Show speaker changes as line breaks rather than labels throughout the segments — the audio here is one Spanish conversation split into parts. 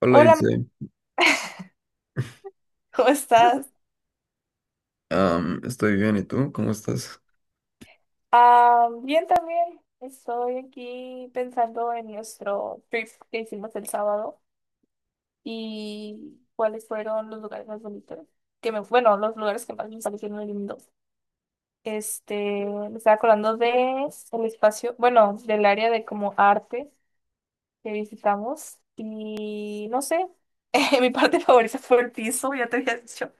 Hola,
Hola, ma-
Ilse.
¿cómo estás?
Estoy bien, ¿y tú? ¿Cómo estás?
Ah, bien también. Estoy aquí pensando en nuestro trip que hicimos el sábado y cuáles fueron los lugares más bonitos. Los lugares que más me parecieron lindos. Me estaba acordando de el espacio, bueno, del área de como arte que visitamos y no sé, mi parte favorita fue el piso, ya te había dicho.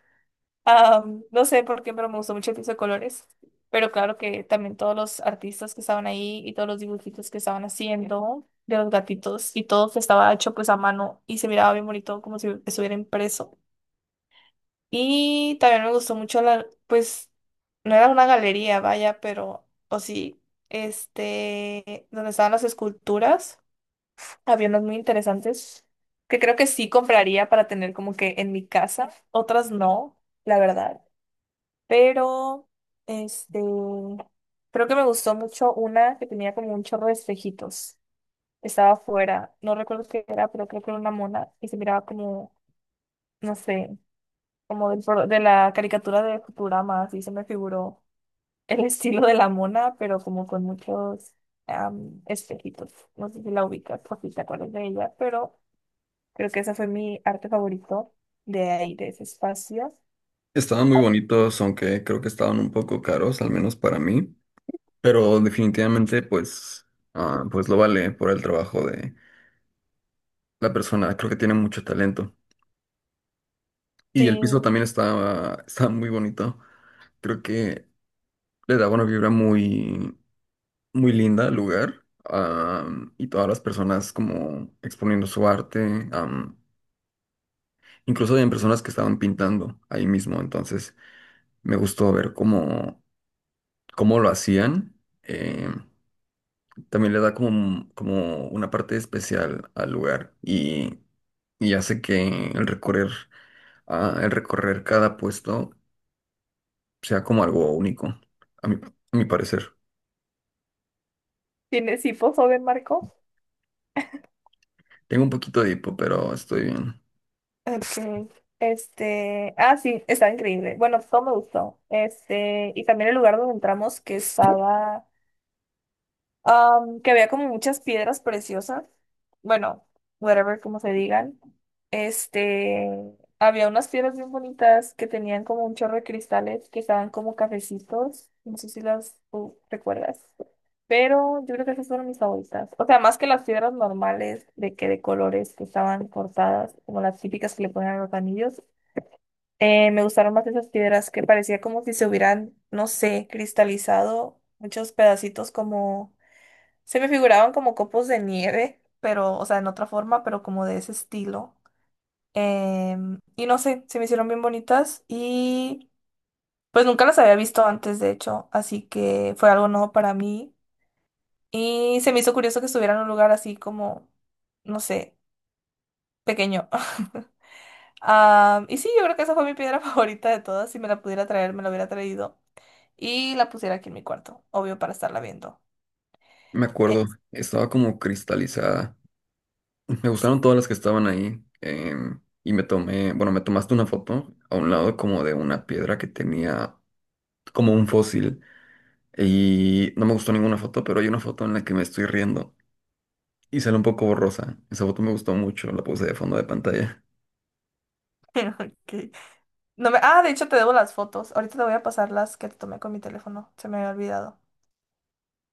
No sé por qué, pero me gustó mucho el piso de colores. Pero claro que también todos los artistas que estaban ahí y todos los dibujitos que estaban haciendo de los gatitos y todo que estaba hecho pues a mano y se miraba bien bonito como si estuviera impreso. Y también me gustó mucho la, pues, no era una galería, vaya, pero, o sí, donde estaban las esculturas, había unas muy interesantes que creo que sí compraría para tener como que en mi casa, otras no, la verdad pero, este, creo que me gustó mucho una que tenía como un chorro de espejitos. Estaba afuera, no recuerdo qué era, pero creo que era una mona y se miraba como, no sé, de la caricatura de Futurama, así se me figuró el estilo de la mona, pero como con muchos espejitos. No sé si la ubicas, por si te acuerdas de ella, pero creo que esa fue mi arte favorito de ahí, de ese espacio.
Estaban muy bonitos, aunque creo que estaban un poco caros, al menos para mí, pero definitivamente pues lo vale por el trabajo de la persona. Creo que tiene mucho talento. Y el piso
Sí,
también estaba muy bonito. Creo que le daba una vibra muy, muy linda al lugar. Y todas las personas como exponiendo su arte. Incluso había personas que estaban pintando ahí mismo, entonces me gustó ver cómo lo hacían, eh, también le da como una parte especial al lugar, y hace que el recorrer cada puesto sea como algo único, a mi, a mi parecer.
tiene sí, posó de Marco.
Tengo un poquito de hipo, pero estoy bien.
Ok. Sí, estaba increíble. Bueno, todo me gustó. Y también el lugar donde entramos que estaba, que había como muchas piedras preciosas. Bueno, whatever, como se digan. Este, Había unas piedras bien bonitas que tenían como un chorro de cristales que estaban como cafecitos. No sé si las tú recuerdas. Pero yo creo que esas fueron mis favoritas. O sea, más que las piedras normales de colores que estaban cortadas, como las típicas que le ponen a los anillos. Me gustaron más esas piedras que parecía como si se hubieran, no sé, cristalizado muchos pedacitos como, se me figuraban como copos de nieve, pero, o sea, en otra forma, pero como de ese estilo. Y no sé, se me hicieron bien bonitas y pues nunca las había visto antes, de hecho, así que fue algo nuevo para mí. Y se me hizo curioso que estuviera en un lugar así como, no sé, pequeño. Ah, y sí, yo creo que esa fue mi piedra favorita de todas. Si me la pudiera traer, me la hubiera traído y la pusiera aquí en mi cuarto, obvio para estarla viendo.
Me acuerdo, estaba como cristalizada. Me gustaron
Sí,
todas las que estaban ahí. Y me tomaste una foto a un lado como de una piedra que tenía como un fósil. Y no me gustó ninguna foto, pero hay una foto en la que me estoy riendo y sale un poco borrosa. Esa foto me gustó mucho, la puse de fondo de pantalla.
pero no me... Ah, de hecho te debo las fotos. Ahorita te voy a pasar las que te tomé con mi teléfono. Se me había olvidado.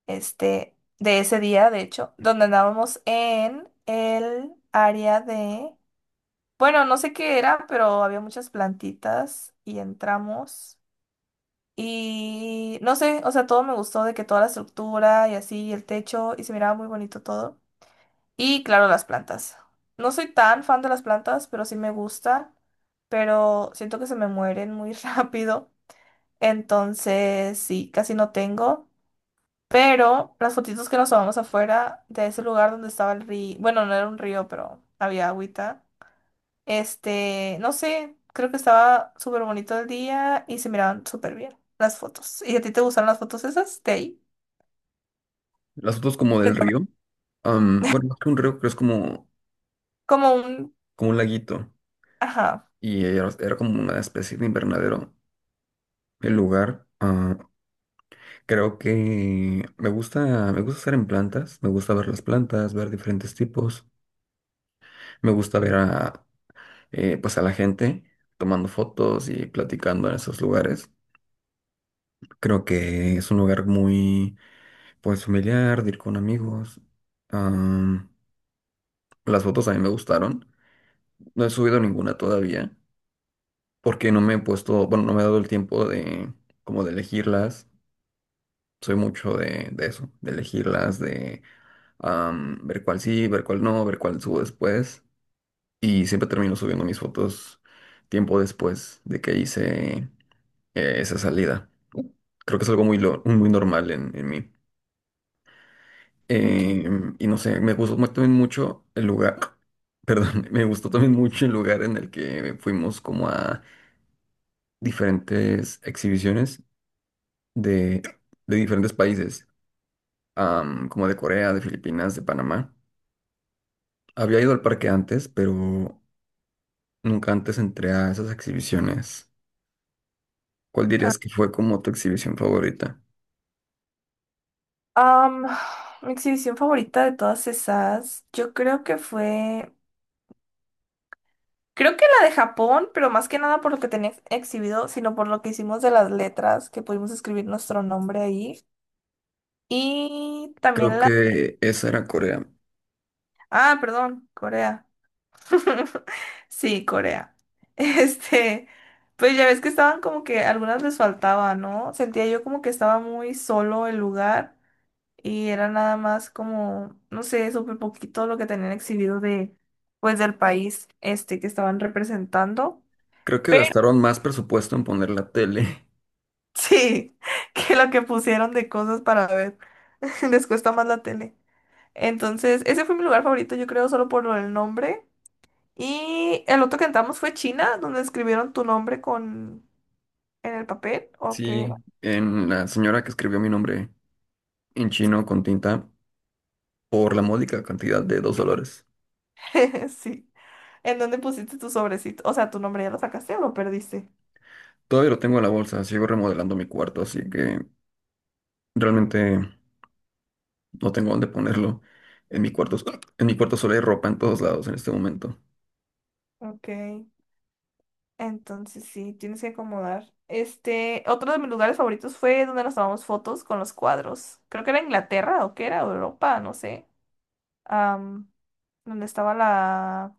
De ese día, de hecho, donde andábamos en el área de... Bueno, no sé qué era, pero había muchas plantitas y entramos. Y no sé, o sea, todo me gustó de que toda la estructura y así, y el techo, y se miraba muy bonito todo. Y claro, las plantas. No soy tan fan de las plantas, pero sí me gustan. Pero siento que se me mueren muy rápido. Entonces, sí, casi no tengo. Pero las fotitos que nos tomamos afuera de ese lugar donde estaba el río. Bueno, no era un río, pero había agüita. No sé, creo que estaba súper bonito el día y se miraban súper bien las fotos. ¿Y a ti te gustan las fotos esas de ahí?
Las fotos como del río. Bueno, más que un río,
Como un...
como un laguito.
Ajá.
Y era como una especie de invernadero el lugar. Creo que me gusta estar en plantas, me gusta ver las plantas, ver diferentes tipos, me gusta pues a la gente tomando fotos y platicando en esos lugares. Creo que es un lugar muy, pues familiar, de ir con amigos. Am, las fotos a mí me gustaron. No he subido ninguna todavía porque no me he puesto, bueno, no me he dado el tiempo de, como de elegirlas. Soy mucho de eso, de elegirlas, ver cuál sí, ver cuál no, ver cuál subo después. Y siempre termino subiendo mis fotos tiempo después de que hice esa salida. Creo que es algo muy normal en mí.
Ok.
Y no sé, también mucho el lugar, perdón, me gustó también mucho el lugar en el que fuimos como a diferentes exhibiciones de, de diferentes países, como de Corea, de Filipinas, de Panamá. Había ido al parque antes, pero nunca antes entré a esas exhibiciones. ¿Cuál dirías que fue como tu exhibición favorita?
Am, Mi exhibición favorita de todas esas, yo creo que fue, creo que la de Japón, pero más que nada por lo que tenía exhibido, sino por lo que hicimos de las letras, que pudimos escribir nuestro nombre ahí. Y
Creo
también la...
que esa era Corea.
Ah, perdón, Corea. Sí, Corea. Este, pues ya ves que estaban como que algunas les faltaba, ¿no? Sentía yo como que estaba muy solo el lugar y era nada más como, no sé, súper poquito lo que tenían exhibido de, pues, del país este que estaban representando.
Creo que
Pero
gastaron más presupuesto en poner la tele.
sí, que lo que pusieron de cosas para ver, les cuesta más la tele. Entonces, ese fue mi lugar favorito, yo creo, solo por lo del nombre. Y el otro que entramos fue China, donde escribieron tu nombre con en el papel, o qué.
Sí, en la señora que escribió mi nombre en chino con tinta por la módica cantidad de $2.
Sí. ¿En dónde pusiste tu sobrecito? O sea, tu nombre ya lo sacaste o lo perdiste.
Todavía lo tengo en la bolsa, sigo remodelando mi cuarto, así que realmente no tengo dónde ponerlo. En mi cuarto, en mi cuarto solo hay ropa en todos lados en este momento.
Ok. Entonces sí, tienes que acomodar. Otro de mis lugares favoritos fue donde nos tomamos fotos con los cuadros. Creo que era Inglaterra o que era Europa, no sé. Am, Donde estaba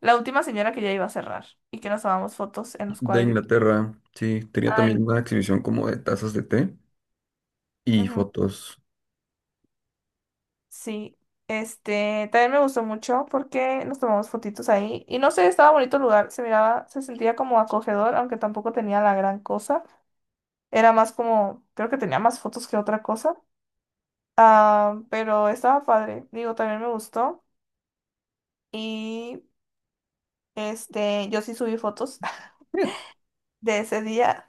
la última señora que ya iba a cerrar y que nos tomamos fotos en los
De
cuadritos.
Inglaterra, sí, tenía
Ay,
también una exhibición como de tazas de té y
ujú,
fotos.
sí. También me gustó mucho porque nos tomamos fotitos ahí. Y no sé, estaba bonito el lugar. Se miraba, se sentía como acogedor, aunque tampoco tenía la gran cosa. Era más como, creo que tenía más fotos que otra cosa. Ah, pero estaba padre, digo, también me gustó. Y yo sí subí fotos
Eh,
de ese día.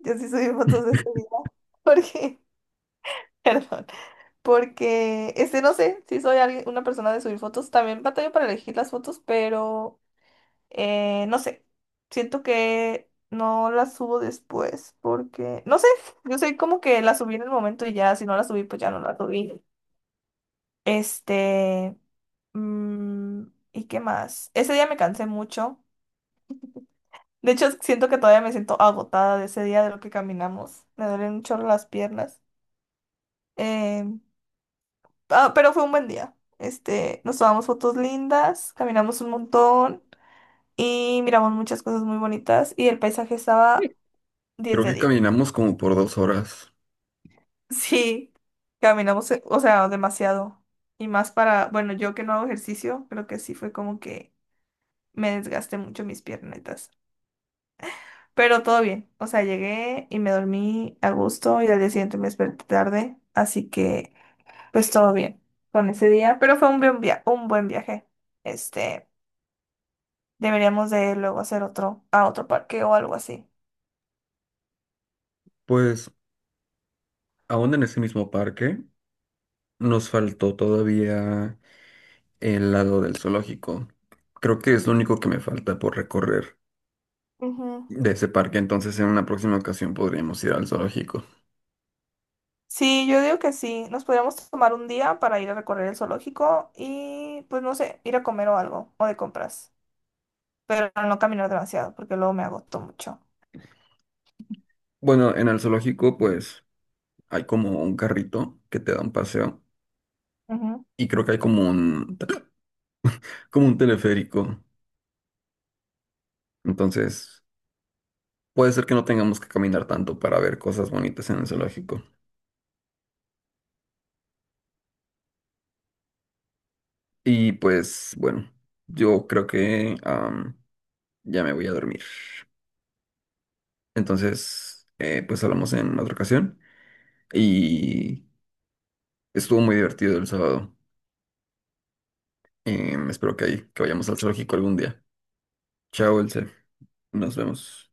Yo sí subí fotos de ese día. Porque, perdón, porque, no sé, si soy alguien, una persona de subir fotos. También batallo para elegir las fotos, pero no sé. Siento que no las subo después porque, no sé, yo soy como que las subí en el momento y ya, si no las subí, pues ya no las subí. Este, mm, ¿Y qué más? Ese día me cansé mucho. De hecho, siento que todavía me siento agotada de ese día de lo que caminamos. Me duelen un chorro las piernas. Eh, pero fue un buen día. Nos tomamos fotos lindas, caminamos un montón y miramos muchas cosas muy bonitas y el paisaje estaba 10
Creo
de
que
10.
caminamos como por 2 horas.
Sí, caminamos, o sea, demasiado. Y más para, bueno, yo que no hago ejercicio, creo que sí fue como que me desgasté mucho mis piernas. Pero todo bien. O sea, llegué y me dormí a gusto y al día siguiente me desperté tarde. Así que, pues todo bien con ese día. Pero fue un un buen viaje. Este, Deberíamos de luego hacer otro a otro parque o algo así.
Pues aún en ese mismo parque nos faltó todavía el lado del zoológico. Creo que es lo único que me falta por recorrer
Ujú.
de ese parque, entonces en una próxima ocasión podríamos ir al zoológico.
Sí, yo digo que sí. Nos podríamos tomar un día para ir a recorrer el zoológico y, pues no sé, ir a comer o algo o de compras. Pero no caminar demasiado porque luego me agoto mucho.
Bueno, en el zoológico pues hay como un carrito que te da un paseo y creo que hay como un teleférico. Entonces puede ser que no tengamos que caminar tanto para ver cosas bonitas en el zoológico. Y pues bueno, yo creo que ya me voy a dormir. Entonces, pues hablamos en otra ocasión. Y estuvo muy divertido el sábado. Espero que vayamos al zoológico algún día. Chao, Elce. Nos vemos.